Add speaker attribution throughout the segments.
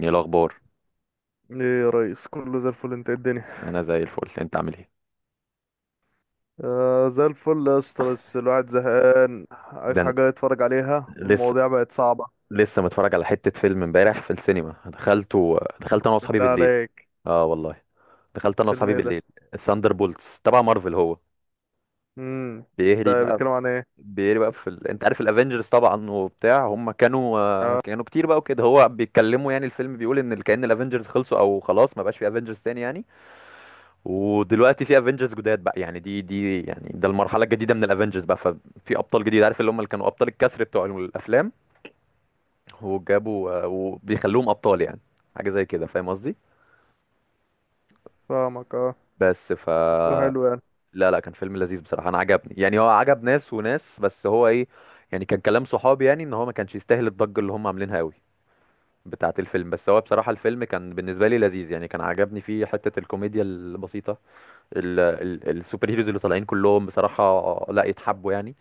Speaker 1: ايه الاخبار؟
Speaker 2: ايه، يا ريس كله زي الفل. انت ايه الدنيا؟
Speaker 1: انا زي الفل، انت عامل ايه؟
Speaker 2: آه زي الفل يا اسطى، بس الواحد زهقان عايز
Speaker 1: ده انا
Speaker 2: حاجة يتفرج عليها
Speaker 1: لسه
Speaker 2: والمواضيع بقت صعبة.
Speaker 1: لسه متفرج على حته فيلم امبارح في السينما، دخلته، دخلت انا واصحابي
Speaker 2: بالله
Speaker 1: بالليل.
Speaker 2: عليك.
Speaker 1: اه والله دخلت انا
Speaker 2: فيلم
Speaker 1: واصحابي
Speaker 2: ايه ده؟
Speaker 1: بالليل. الثاندر بولتس تبع مارفل هو.
Speaker 2: امم.
Speaker 1: بيهري
Speaker 2: ده
Speaker 1: بقى
Speaker 2: بيتكلم
Speaker 1: في-
Speaker 2: عن ايه؟
Speaker 1: بيهري بقى في انت عارف الافنجرز طبعا وبتاع، هم كانوا
Speaker 2: اه،
Speaker 1: كانوا كتير بقى وكده، هو بيتكلموا يعني، الفيلم بيقول ان كأن الافنجرز خلصوا او خلاص ما بقاش في افنجرز تاني يعني. ودلوقتي في افنجرز جداد بقى، يعني دي يعني ده المرحله الجديده من الافنجرز بقى. ففي ابطال جديد، عارف اللي هم اللي كانوا ابطال الكسر بتوع الافلام، وجابوا وبيخلوهم ابطال يعني. حاجه زي كده، فاهم قصدي.
Speaker 2: فاهمك اه.
Speaker 1: بس ف
Speaker 2: شكله حلو يعني.
Speaker 1: لا لا، كان فيلم لذيذ بصراحه، انا عجبني يعني. هو عجب ناس وناس، بس هو ايه يعني، كان كلام صحابي يعني ان هو ما كانش يستاهل الضجه اللي هم عاملينها قوي بتاعه الفيلم. بس هو بصراحه الفيلم كان بالنسبه لي لذيذ يعني، كان عجبني فيه حته الكوميديا البسيطه. السوبر هيروز اللي طالعين كلهم بصراحه لا يتحبوا يعني.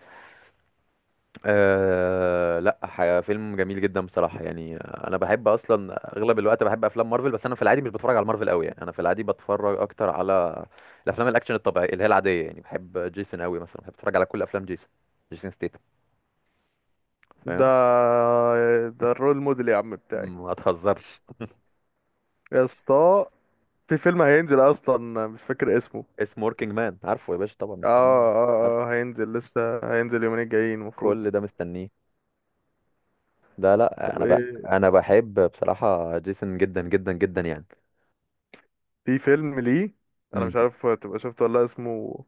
Speaker 1: أه لا، فيلم جميل جدا بصراحة يعني. أنا بحب أصلا أغلب الوقت بحب أفلام مارفل، بس أنا في العادي مش بتفرج على مارفل قوي يعني. أنا في العادي بتفرج أكتر على الأفلام الأكشن الطبيعية اللي هي العادية يعني. بحب جيسون قوي مثلا، بحب أتفرج على كل أفلام جيسون. جيسون ستيتم.
Speaker 2: ده
Speaker 1: فاهم؟
Speaker 2: ده الرول موديل يا عم بتاعي.
Speaker 1: ما تهزرش.
Speaker 2: يا اسطى، في فيلم هينزل اصلا مش فاكر اسمه.
Speaker 1: اسمه وركينج مان، عارفه يا باشا طبعا،
Speaker 2: اه
Speaker 1: مستنيه. عارف.
Speaker 2: اه اه، هينزل لسه. هينزل اليومين الجايين المفروض.
Speaker 1: كل ده مستنيه. ده لا،
Speaker 2: طب
Speaker 1: أنا بقى
Speaker 2: ايه،
Speaker 1: أنا بحب بصراحة جيسون جدا جدا جدا يعني.
Speaker 2: في فيلم ليه انا
Speaker 1: امم،
Speaker 2: مش عارف تبقى شفته ولا لأ، اسمه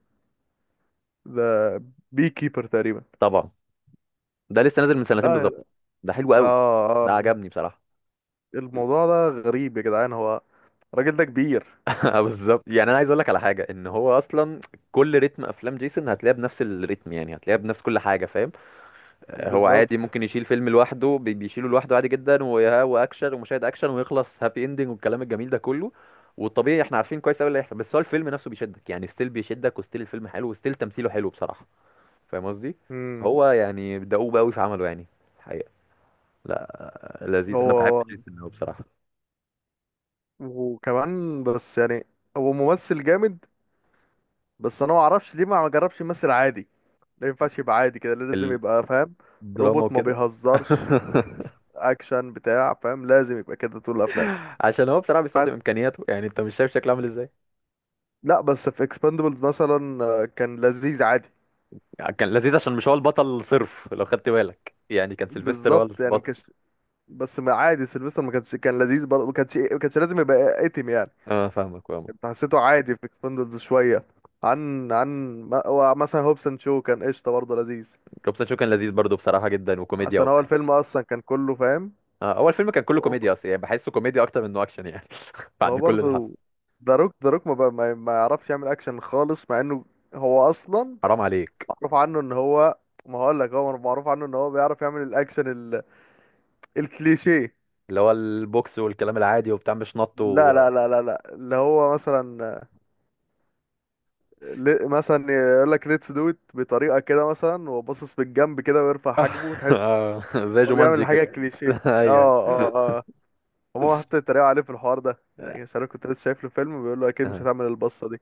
Speaker 2: ده بي كيبر تقريبا.
Speaker 1: طبعا. ده لسه نازل من سنتين
Speaker 2: لا
Speaker 1: بالظبط.
Speaker 2: يا-
Speaker 1: ده حلو قوي.
Speaker 2: اه
Speaker 1: ده
Speaker 2: اه.
Speaker 1: عجبني بصراحة.
Speaker 2: الموضوع ده غريب يا جدعان. هو الراجل ده كبير.
Speaker 1: بالظبط. يعني انا عايز اقول لك على حاجه، ان هو اصلا كل رتم افلام جيسون هتلاقيها بنفس الريتم يعني، هتلاقيها بنفس كل حاجه فاهم. هو عادي
Speaker 2: بالظبط.
Speaker 1: ممكن يشيل فيلم لوحده، بيشيله لوحده عادي جدا، واكشن ومشاهد اكشن ويخلص هابي اندنج والكلام الجميل ده كله. والطبيعي احنا عارفين كويس قوي اللي هيحصل، بس هو الفيلم نفسه بيشدك يعني. ستيل بيشدك، وستيل الفيلم حلو، وستيل تمثيله حلو بصراحه. فاهم قصدي؟
Speaker 2: امم.
Speaker 1: هو يعني دؤوب قوي في عمله يعني، الحقيقه. لا،
Speaker 2: هو
Speaker 1: لذيذ، انا بحب
Speaker 2: هو
Speaker 1: جيسون قوي بصراحه.
Speaker 2: وكمان، بس يعني هو ممثل جامد. بس انا ما اعرفش ليه ما جربش يمثل عادي. ما ينفعش يبقى عادي كده، لازم يبقى فاهم.
Speaker 1: الدراما
Speaker 2: روبوت، ما
Speaker 1: وكده.
Speaker 2: بيهزرش. اكشن بتاع فاهم، لازم يبقى كده طول الافلام.
Speaker 1: عشان هو بصراحه بيستخدم
Speaker 2: حت-
Speaker 1: امكانياته يعني، انت مش شايف شكله عامل ازاي.
Speaker 2: لا، بس في اكسباندبلز مثلا كان لذيذ عادي.
Speaker 1: يعني كان لذيذ عشان مش هو البطل صرف، لو خدت بالك يعني كان سيلفستر هو
Speaker 2: بالظبط، يعني ما
Speaker 1: البطل.
Speaker 2: كانش. بس ما عادي، سيلفستر ما كانش، كان لذيذ برضه، ما كانش ما كانش لازم يبقى اتم يعني.
Speaker 1: اه فاهمك فاهمك.
Speaker 2: كنت حسيته عادي في اكسبندبلز شويه. عن عن هو مثلا هوبسون شو كان قشطه برضه، لذيذ.
Speaker 1: جوبسون شو كان لذيذ برضو بصراحه جدا، وكوميديا
Speaker 2: عشان هو
Speaker 1: وبتاع.
Speaker 2: الفيلم اصلا كان كله فاهم.
Speaker 1: آه اول فيلم كان كله
Speaker 2: هو
Speaker 1: كوميديا اصلا يعني، بحسه كوميديا اكتر منه اكشن يعني بعد
Speaker 2: هو
Speaker 1: كل اللي حصل.
Speaker 2: برضه. ذا روك ذا روك ما ما يعرفش يعمل اكشن خالص، مع انه هو اصلا
Speaker 1: حرام عليك.
Speaker 2: معروف عنه ان هو... ما هقول لك، هو معروف عنه ان هو بيعرف يعمل الاكشن، ال... الكليشيه.
Speaker 1: اللي هو البوكس والكلام العادي وبتاع، مش نط
Speaker 2: لا لا لا لا لا، اللي هو مثلا مثلا يقول لك ليتس دو ات بطريقه كده مثلا، وباصص بالجنب كده ويرفع حاجبه وتحس.
Speaker 1: آه، زي
Speaker 2: هو
Speaker 1: جومانجي
Speaker 2: بيعمل حاجه
Speaker 1: كده.
Speaker 2: كليشيه
Speaker 1: ايوه.
Speaker 2: اه. اه اه، هما حتى اتريقوا عليه في الحوار ده يعني. مش عارف، كنت لسه شايف له فيلم بيقول له اكيد مش
Speaker 1: ايوه.
Speaker 2: هتعمل البصه دي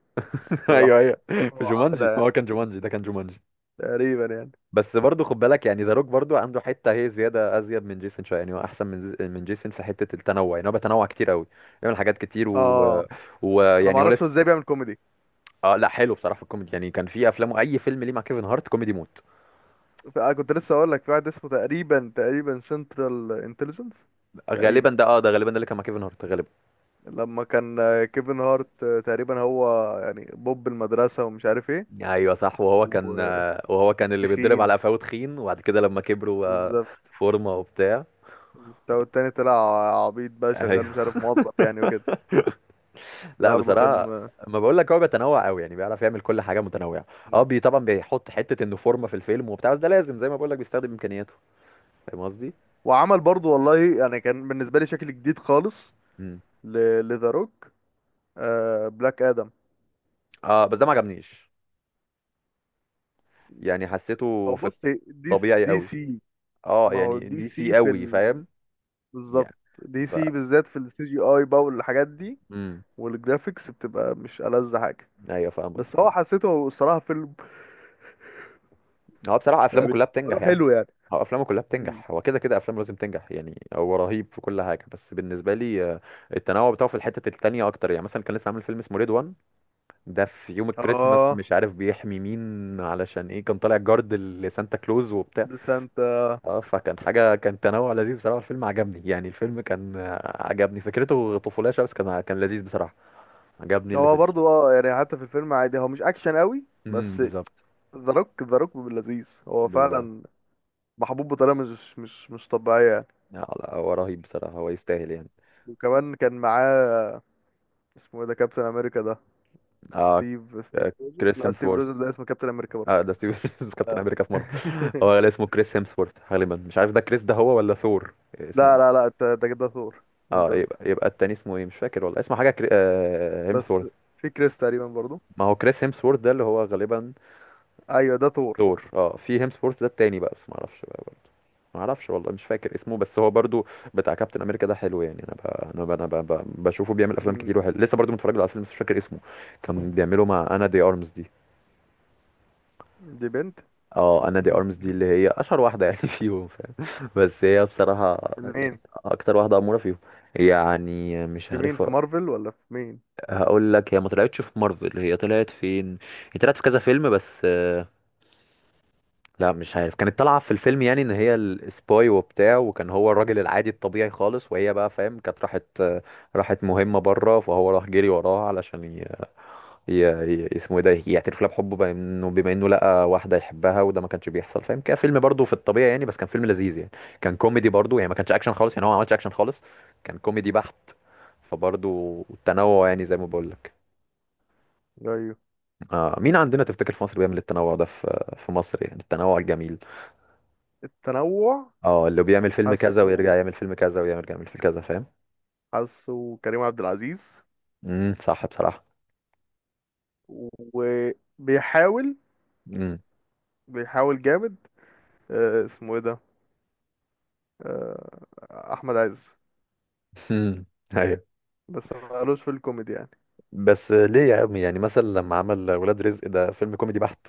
Speaker 1: ايوه
Speaker 2: فراح
Speaker 1: ايوه، في
Speaker 2: هو عاملها
Speaker 1: جومانجي
Speaker 2: يعني.
Speaker 1: هو كان، جومانجي ده كان جومانجي.
Speaker 2: تقريبا يعني.
Speaker 1: بس برضه خد بالك يعني ذا روك برضه عنده حته هي زياده، ازيد من جيسون شويه يعني. هو احسن من جيسون في حته التنوع يعني. هو بيتنوع كتير قوي، بيعمل حاجات كتير
Speaker 2: اه، انا ما
Speaker 1: ويعني هو
Speaker 2: اعرفش هو
Speaker 1: لسه.
Speaker 2: ازاي بيعمل كوميدي.
Speaker 1: اه لا، حلو بصراحه في الكوميدي يعني. كان في افلامه اي فيلم ليه مع كيفن هارت كوميدي موت.
Speaker 2: أنا كنت لسه اقول لك في واحد اسمه تقريبا تقريبا سنترال انتليجنس.
Speaker 1: غالبا
Speaker 2: تقريبا
Speaker 1: ده، اه ده غالبا ده اللي كان مع كيفن هارت غالبا.
Speaker 2: لما كان كيفن هارت، تقريبا هو يعني بوب المدرسه ومش عارف ايه.
Speaker 1: ايوه صح، وهو كان وهو كان اللي بيتضرب على
Speaker 2: وتخين.
Speaker 1: قفاه، تخين، وبعد كده لما كبروا
Speaker 2: بالظبط.
Speaker 1: فورمه وبتاع.
Speaker 2: والتاني طلع عبيط بقى، شغال مش
Speaker 1: ايوه.
Speaker 2: عارف، موظف يعني وكده. ده
Speaker 1: لا
Speaker 2: برضه
Speaker 1: بصراحه،
Speaker 2: فيلم.
Speaker 1: ما بقول لك هو بيتنوع قوي يعني، بيعرف يعمل كل حاجه متنوعه. اه، بي طبعا بيحط حته انه فورمه في الفيلم وبتاع، بس ده لازم زي ما بقول لك، بيستخدم امكانياته. فاهم قصدي؟
Speaker 2: وعمل برضه والله، يعني كان بالنسبة لي شكل جديد خالص
Speaker 1: امم.
Speaker 2: لذا روك. بلاك آدم.
Speaker 1: اه بس ده ما عجبنيش، يعني حسيته
Speaker 2: هو
Speaker 1: في
Speaker 2: بص،
Speaker 1: الطبيعي
Speaker 2: دي
Speaker 1: قوي.
Speaker 2: سي.
Speaker 1: اه،
Speaker 2: ما هو
Speaker 1: يعني
Speaker 2: دي
Speaker 1: دي سي
Speaker 2: سي. في
Speaker 1: قوي،
Speaker 2: ال...
Speaker 1: فاهم.
Speaker 2: بالظبط،
Speaker 1: يعني
Speaker 2: دي
Speaker 1: ف،
Speaker 2: سي بالذات في السي جي اي بقى والحاجات دي.
Speaker 1: امم.
Speaker 2: والجرافيكس بتبقى مش ألذ حاجة.
Speaker 1: ايوه
Speaker 2: بس
Speaker 1: فاهمك.
Speaker 2: هو حسيته الصراحة فيلم.
Speaker 1: هو بصراحه افلامه
Speaker 2: يعني
Speaker 1: كلها بتنجح
Speaker 2: عمله
Speaker 1: يعني.
Speaker 2: حلو يعني.
Speaker 1: هو افلامه كلها
Speaker 2: مم.
Speaker 1: بتنجح، هو كده كده افلامه لازم تنجح يعني، هو رهيب في كل حاجه. بس بالنسبه لي التنوع بتاعه في الحته التانيه اكتر يعني. مثلا كان لسه عامل فيلم اسمه ريد، ده في يوم الكريسماس
Speaker 2: اه،
Speaker 1: مش عارف بيحمي مين علشان ايه، كان طالع جارد لسانتا كلوز وبتاع.
Speaker 2: ديسنت.
Speaker 1: اه، فكان حاجة، كان تنوع لذيذ بصراحة، الفيلم عجبني يعني. الفيلم كان عجبني فكرته، طفولية شوية بس كان، كان لذيذ بصراحة، عجبني اللي في
Speaker 2: هو
Speaker 1: الفيلم.
Speaker 2: برضو اه، يعني حتى في الفيلم عادي هو مش اكشن قوي
Speaker 1: امم،
Speaker 2: بس.
Speaker 1: بالظبط.
Speaker 2: ذا روك ذا روك لذيذ هو
Speaker 1: بالظبط.
Speaker 2: فعلا، محبوب بطريقه مش طبيعيه يعني.
Speaker 1: لا لا، هو رهيب بصراحة، هو يستاهل يعني.
Speaker 2: وكمان كان معاه، اسمه ايه ده، كابتن امريكا ده،
Speaker 1: اه.
Speaker 2: ستيف
Speaker 1: آه،
Speaker 2: ستيف روجر.
Speaker 1: كريس
Speaker 2: لا، ستيف
Speaker 1: هيمثورث.
Speaker 2: روجر ده اسمه كابتن امريكا برضه.
Speaker 1: اه ده ستيف كابتن
Speaker 2: آه.
Speaker 1: امريكا في مارفل. هو اللي اسمه كريس هيمثورث غالبا، مش عارف ده كريس ده هو ولا ثور
Speaker 2: لا
Speaker 1: اسمه.
Speaker 2: لا لا، انت ده ثور. انت
Speaker 1: اه
Speaker 2: قلت،
Speaker 1: يبقى، يبقى التاني اسمه ايه مش فاكر والله، اسمه حاجه
Speaker 2: بس
Speaker 1: هيمثورث.
Speaker 2: في كريس تقريبا برضه.
Speaker 1: ما هو كريس هيمسورث ده اللي هو غالبا
Speaker 2: ايوه، ده ثور.
Speaker 1: ثور. اه، في هيمسورث ده التاني بقى بس ما اعرفش بقى برضه. ما اعرفش والله، مش فاكر اسمه، بس هو برضو بتاع كابتن امريكا ده حلو يعني. انا بقى، انا بقى بشوفه بيعمل افلام
Speaker 2: مم.
Speaker 1: كتير وحلو. لسه برضو متفرج له على فيلم بس مش فاكر اسمه. كان بيعمله مع انا دي ارمز دي.
Speaker 2: دي بنت.
Speaker 1: اه، انا دي ارمز دي اللي هي اشهر واحده يعني فيهم، فاهم. بس هي بصراحه
Speaker 2: منين؟
Speaker 1: اكتر واحده اموره فيهم يعني، مش
Speaker 2: في مين،
Speaker 1: عارف.
Speaker 2: في مارفل ولا في مين؟
Speaker 1: هقول لك، هي ما طلعتش في مارفل، هي طلعت فين؟ هي طلعت في كذا فيلم بس. لا، مش عارف، كانت طالعة في الفيلم يعني ان هي السباي وبتاع، وكان هو الراجل العادي الطبيعي خالص. وهي بقى فاهم، كانت راحت، راحت مهمة بره، فهو راح جري وراها علشان ي... اسمه ايه ده، يعترف لها بحبه، بما انه، بما انه لقى واحدة يحبها وده ما كانش بيحصل فاهم كده. فيلم برضه في الطبيعي يعني، بس كان فيلم لذيذ يعني. كان كوميدي برضه يعني، ما كانش اكشن خالص يعني، هو ما عملش اكشن خالص، كان كوميدي بحت. فبرضه التنوع يعني، زي ما بقول لك.
Speaker 2: ايوه،
Speaker 1: آه، مين عندنا تفتكر في مصر بيعمل التنوع ده في، في مصر يعني، التنوع الجميل؟
Speaker 2: التنوع.
Speaker 1: اه، اللي بيعمل فيلم كذا
Speaker 2: حاسه،
Speaker 1: ويرجع يعمل فيلم كذا ويرجع يعمل فيلم كذا، فاهم.
Speaker 2: حاسه كريم عبد العزيز.
Speaker 1: امم، صح بصراحة.
Speaker 2: وبيحاول،
Speaker 1: امم.
Speaker 2: بيحاول جامد. اسمه ايه ده، آه، احمد عز.
Speaker 1: ايوه.
Speaker 2: بس مالوش في الكوميدي يعني.
Speaker 1: بس ليه يا عمي، يعني مثلا لما عمل ولاد رزق ده فيلم كوميدي بحت.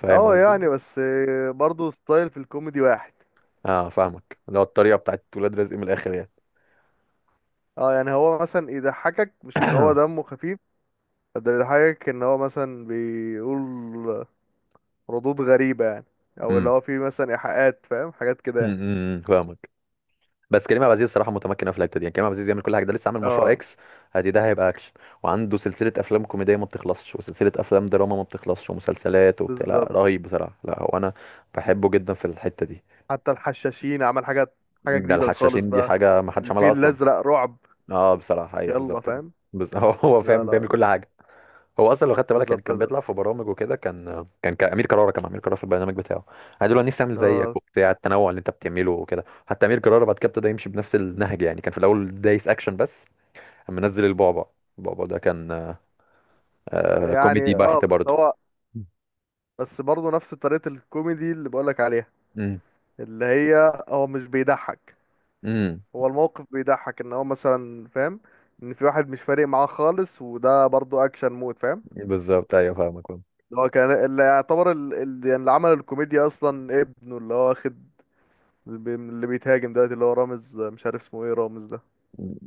Speaker 1: فاهم
Speaker 2: اه
Speaker 1: قصدي؟
Speaker 2: يعني، بس برضه ستايل في الكوميدي واحد.
Speaker 1: اه فاهمك، اللي هو الطريقة بتاعت ولاد رزق من الاخر يعني.
Speaker 2: اه يعني هو مثلا يضحكك، مش ان هو دمه خفيف. ده بيضحكك ان هو مثلا بيقول ردود غريبة يعني، او اللي
Speaker 1: امم.
Speaker 2: هو فيه مثلا ايحاءات، فاهم حاجات كده يعني.
Speaker 1: فاهمك. بس كريم عبد العزيز بصراحة متمكن في الحتة دي يعني. كريم عبد العزيز بيعمل كل حاجة، ده لسه عامل مشروع
Speaker 2: اه،
Speaker 1: اكس، ادي ده هيبقى اكشن. وعنده سلسلة افلام كوميدية ما بتخلصش، وسلسلة افلام دراما ما بتخلصش، ومسلسلات وبتاع. لا
Speaker 2: بالظبط.
Speaker 1: رهيب بصراحة، لا هو انا بحبه جدا في الحتة دي.
Speaker 2: حتى الحشاشين عمل حاجات، حاجة
Speaker 1: ده
Speaker 2: جديدة خالص
Speaker 1: الحشاشين دي
Speaker 2: بقى.
Speaker 1: حاجة ما حدش عملها
Speaker 2: الفيل
Speaker 1: أصلا.
Speaker 2: الأزرق رعب.
Speaker 1: اه بصراحة أيوه،
Speaker 2: يلا
Speaker 1: بالظبط.
Speaker 2: فاهم.
Speaker 1: هو هو
Speaker 2: لا
Speaker 1: فاهم،
Speaker 2: لا
Speaker 1: بيعمل
Speaker 2: لا،
Speaker 1: كل حاجة. هو أصلا لو خدت بالك يعني،
Speaker 2: بالظبط
Speaker 1: كان
Speaker 2: ده
Speaker 1: بيطلع في برامج وكده، كان كان أمير كرارة، كان أمير كرارة في البرنامج بتاعه قال له أنا دلوقتي نفسي أعمل
Speaker 2: اللي
Speaker 1: زيك
Speaker 2: هو،
Speaker 1: وبتاع، التنوع اللي أنت بتعمله وكده. حتى أمير كرارة بعد كده ابتدى يمشي بنفس النهج يعني، كان في الأول دايس أكشن بس. أما نزل البعبع، البعبع ده كان آه، كوميدي
Speaker 2: يعني اه
Speaker 1: بحت
Speaker 2: بس
Speaker 1: برضه.
Speaker 2: هو، بس برضه نفس طريقة الكوميدي اللي بقولك عليها.
Speaker 1: امم.
Speaker 2: اللي هي هو مش بيضحك،
Speaker 1: امم.
Speaker 2: هو الموقف بيضحك. ان هو مثلا فاهم، ان في واحد مش فارق معاه خالص، وده برضه اكشن مود فاهم.
Speaker 1: بالظبط. ايوه فاهمك فاهم.
Speaker 2: اللي هو كان اللي يعتبر يعني اللي عمل الكوميديا اصلا ابنه، اللي هو واخد اللي بيتهاجم دلوقتي اللي هو رامز، مش عارف اسمه ايه رامز ده،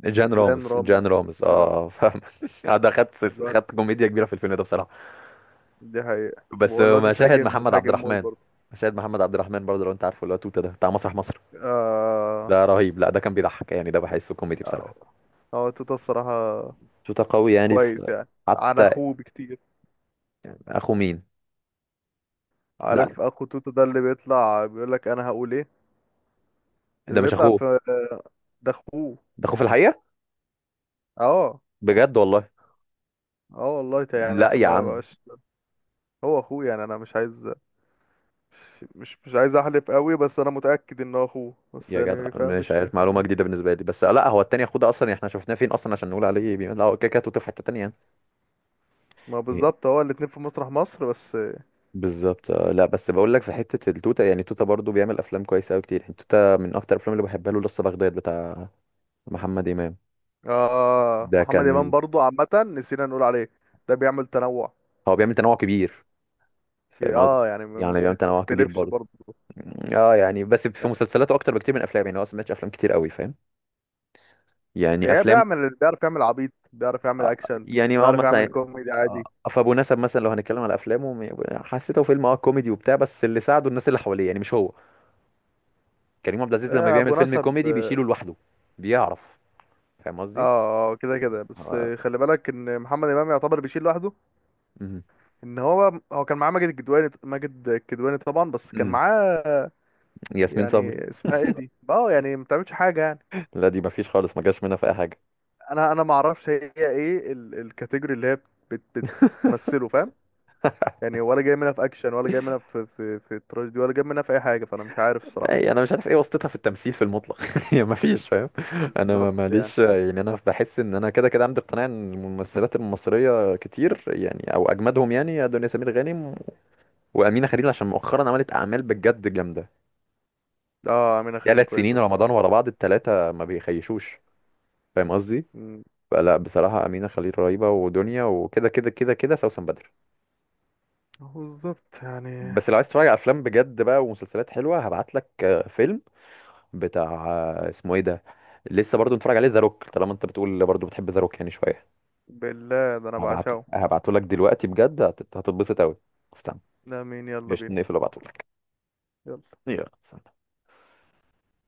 Speaker 1: جان رامز
Speaker 2: جان رامز.
Speaker 1: جان رامز
Speaker 2: اه،
Speaker 1: اه فاهم. ده خد،
Speaker 2: الواد.
Speaker 1: خد كوميديا كبيره في الفيلم ده بصراحه.
Speaker 2: دي حقيقة،
Speaker 1: بس
Speaker 2: والواد
Speaker 1: مشاهد
Speaker 2: اتهاجم
Speaker 1: محمد عبد
Speaker 2: اتهاجم موت
Speaker 1: الرحمن،
Speaker 2: برضه.
Speaker 1: مشاهد محمد عبد الرحمن برضه، لو انت عارفه اللي هو توتة ده بتاع مسرح مصر،
Speaker 2: اه
Speaker 1: ده رهيب. لا ده كان بيضحك يعني، ده بحسه كوميدي بصراحة.
Speaker 2: اه، هو توتا الصراحة
Speaker 1: توتة قوي يعني، في
Speaker 2: كويس يعني، عن
Speaker 1: حتى.
Speaker 2: اخوه بكتير.
Speaker 1: اخو مين؟ لا
Speaker 2: عارف اخو توتا ده اللي بيطلع بيقول لك انا هقول ايه،
Speaker 1: ده
Speaker 2: اللي
Speaker 1: مش
Speaker 2: بيطلع
Speaker 1: اخوه.
Speaker 2: في ده اخوه.
Speaker 1: ده اخوه في الحقيقة،
Speaker 2: اه
Speaker 1: بجد والله.
Speaker 2: اه والله، يعني
Speaker 1: لا
Speaker 2: عشان
Speaker 1: يا
Speaker 2: ما
Speaker 1: عم.
Speaker 2: بقاش هو اخوه. يعني انا مش عايز، مش عايز احلف قوي، بس انا متأكد ان هو اخوه. بس
Speaker 1: يا جدع
Speaker 2: يعني فاهم،
Speaker 1: مش
Speaker 2: مش
Speaker 1: عارف، معلومة
Speaker 2: 100%.
Speaker 1: جديدة بالنسبة لي. بس لا هو التاني اخوه ده اصلا يعني، احنا شفناه فين اصلا عشان نقول عليه لا هو كده كده توتة في حتة تانية يعني.
Speaker 2: ما
Speaker 1: إيه،
Speaker 2: بالظبط هو الاتنين في مسرح مصر بس.
Speaker 1: بالظبط. لا بس بقول لك في حتة التوتة يعني. توتة برضه بيعمل افلام كويسة قوي كتير. توتة من اكتر الافلام اللي بحبها له لسه بغداد بتاع. محمد امام
Speaker 2: اه،
Speaker 1: ده
Speaker 2: محمد امام
Speaker 1: كان،
Speaker 2: برضو عامة نسينا نقول عليه. ده بيعمل تنوع.
Speaker 1: هو بيعمل تنوع كبير، فاهم قصدي.
Speaker 2: اه يعني، ما
Speaker 1: يعني
Speaker 2: ما- ما
Speaker 1: بيعمل تنوع كبير
Speaker 2: يختلفش
Speaker 1: برضه،
Speaker 2: برضو.
Speaker 1: اه، يعني بس في مسلسلاته اكتر بكتير من افلام يعني. هو أصلاً ما سمعتش افلام كتير قوي، فاهم، يعني
Speaker 2: هي
Speaker 1: افلام.
Speaker 2: بيعرف يعمل عبيط، بيعرف يعمل
Speaker 1: آه،
Speaker 2: اكشن،
Speaker 1: يعني اه
Speaker 2: بيعرف يعمل
Speaker 1: مثلا
Speaker 2: كوميدي
Speaker 1: آه،
Speaker 2: عادي.
Speaker 1: فابو نسب مثلا، لو هنتكلم على افلامه، حسيته فيلم اه كوميدي وبتاع، بس اللي ساعده الناس اللي حواليه يعني مش هو. كريم عبد العزيز لما بيعمل
Speaker 2: ابو
Speaker 1: فيلم
Speaker 2: نسب
Speaker 1: كوميدي
Speaker 2: اه.
Speaker 1: بيشيله لوحده، بيعرف. فاهم قصدي؟
Speaker 2: كده كده بس
Speaker 1: آه،
Speaker 2: خلي بالك ان محمد امام يعتبر بيشيل لوحده.
Speaker 1: مم.
Speaker 2: ان هو هو كان معاه ماجد الكدواني، ماجد الكدواني طبعا، بس كان
Speaker 1: مم.
Speaker 2: معاه،
Speaker 1: ياسمين صبري،
Speaker 2: يعني اسمها ايه دي، اه يعني ما بتعملش حاجه يعني.
Speaker 1: لا دي مفيش خالص، ما جاش منها في اي حاجه.
Speaker 2: انا ما اعرفش هي ايه الكاتيجوري اللي هي بت- بتمثله فاهم. يعني ولا جاي منها في اكشن، ولا جاي منها في في تراجيدي، ولا جاي منها في اي حاجه، فانا مش عارف
Speaker 1: لا
Speaker 2: الصراحه.
Speaker 1: يعني انا مش عارف ايه واسطتها في التمثيل في المطلق. هي ما فيش، فاهم. انا
Speaker 2: بالظبط يعني.
Speaker 1: ماليش يعني، انا بحس ان انا كده كده عندي اقتناع ان الممثلات المصريه كتير يعني، او اجمدهم يعني دنيا سمير غانم وامينه خليل، عشان مؤخرا عملت اعمال بجد جامده،
Speaker 2: اه، امينه خليل
Speaker 1: ثلاث
Speaker 2: كويسه
Speaker 1: سنين رمضان
Speaker 2: الصراحه.
Speaker 1: ورا بعض الثلاثه ما بيخيشوش. فاهم قصدي؟
Speaker 2: مم.
Speaker 1: فلا بصراحه امينه خليل رهيبه، ودنيا، وكده كده كده كده سوسن بدر.
Speaker 2: هو بالظبط يعني.
Speaker 1: بس لو عايز تتفرج على افلام بجد بقى ومسلسلات حلوه هبعت لك. فيلم، بتاع، اسمه ايه ده، لسه برضو بنتفرج عليه، ذا روك، طالما انت بتقول برضو بتحب ذا روك يعني شويه.
Speaker 2: بالله، ده انا
Speaker 1: هبعت،
Speaker 2: بعشقه.
Speaker 1: هبعته لك دلوقتي بجد، هتتبسط قوي. استنى.
Speaker 2: لا مين، يلا
Speaker 1: مش
Speaker 2: بينا.
Speaker 1: نقفل وابعته لك.
Speaker 2: يلا.
Speaker 1: يلا سلام.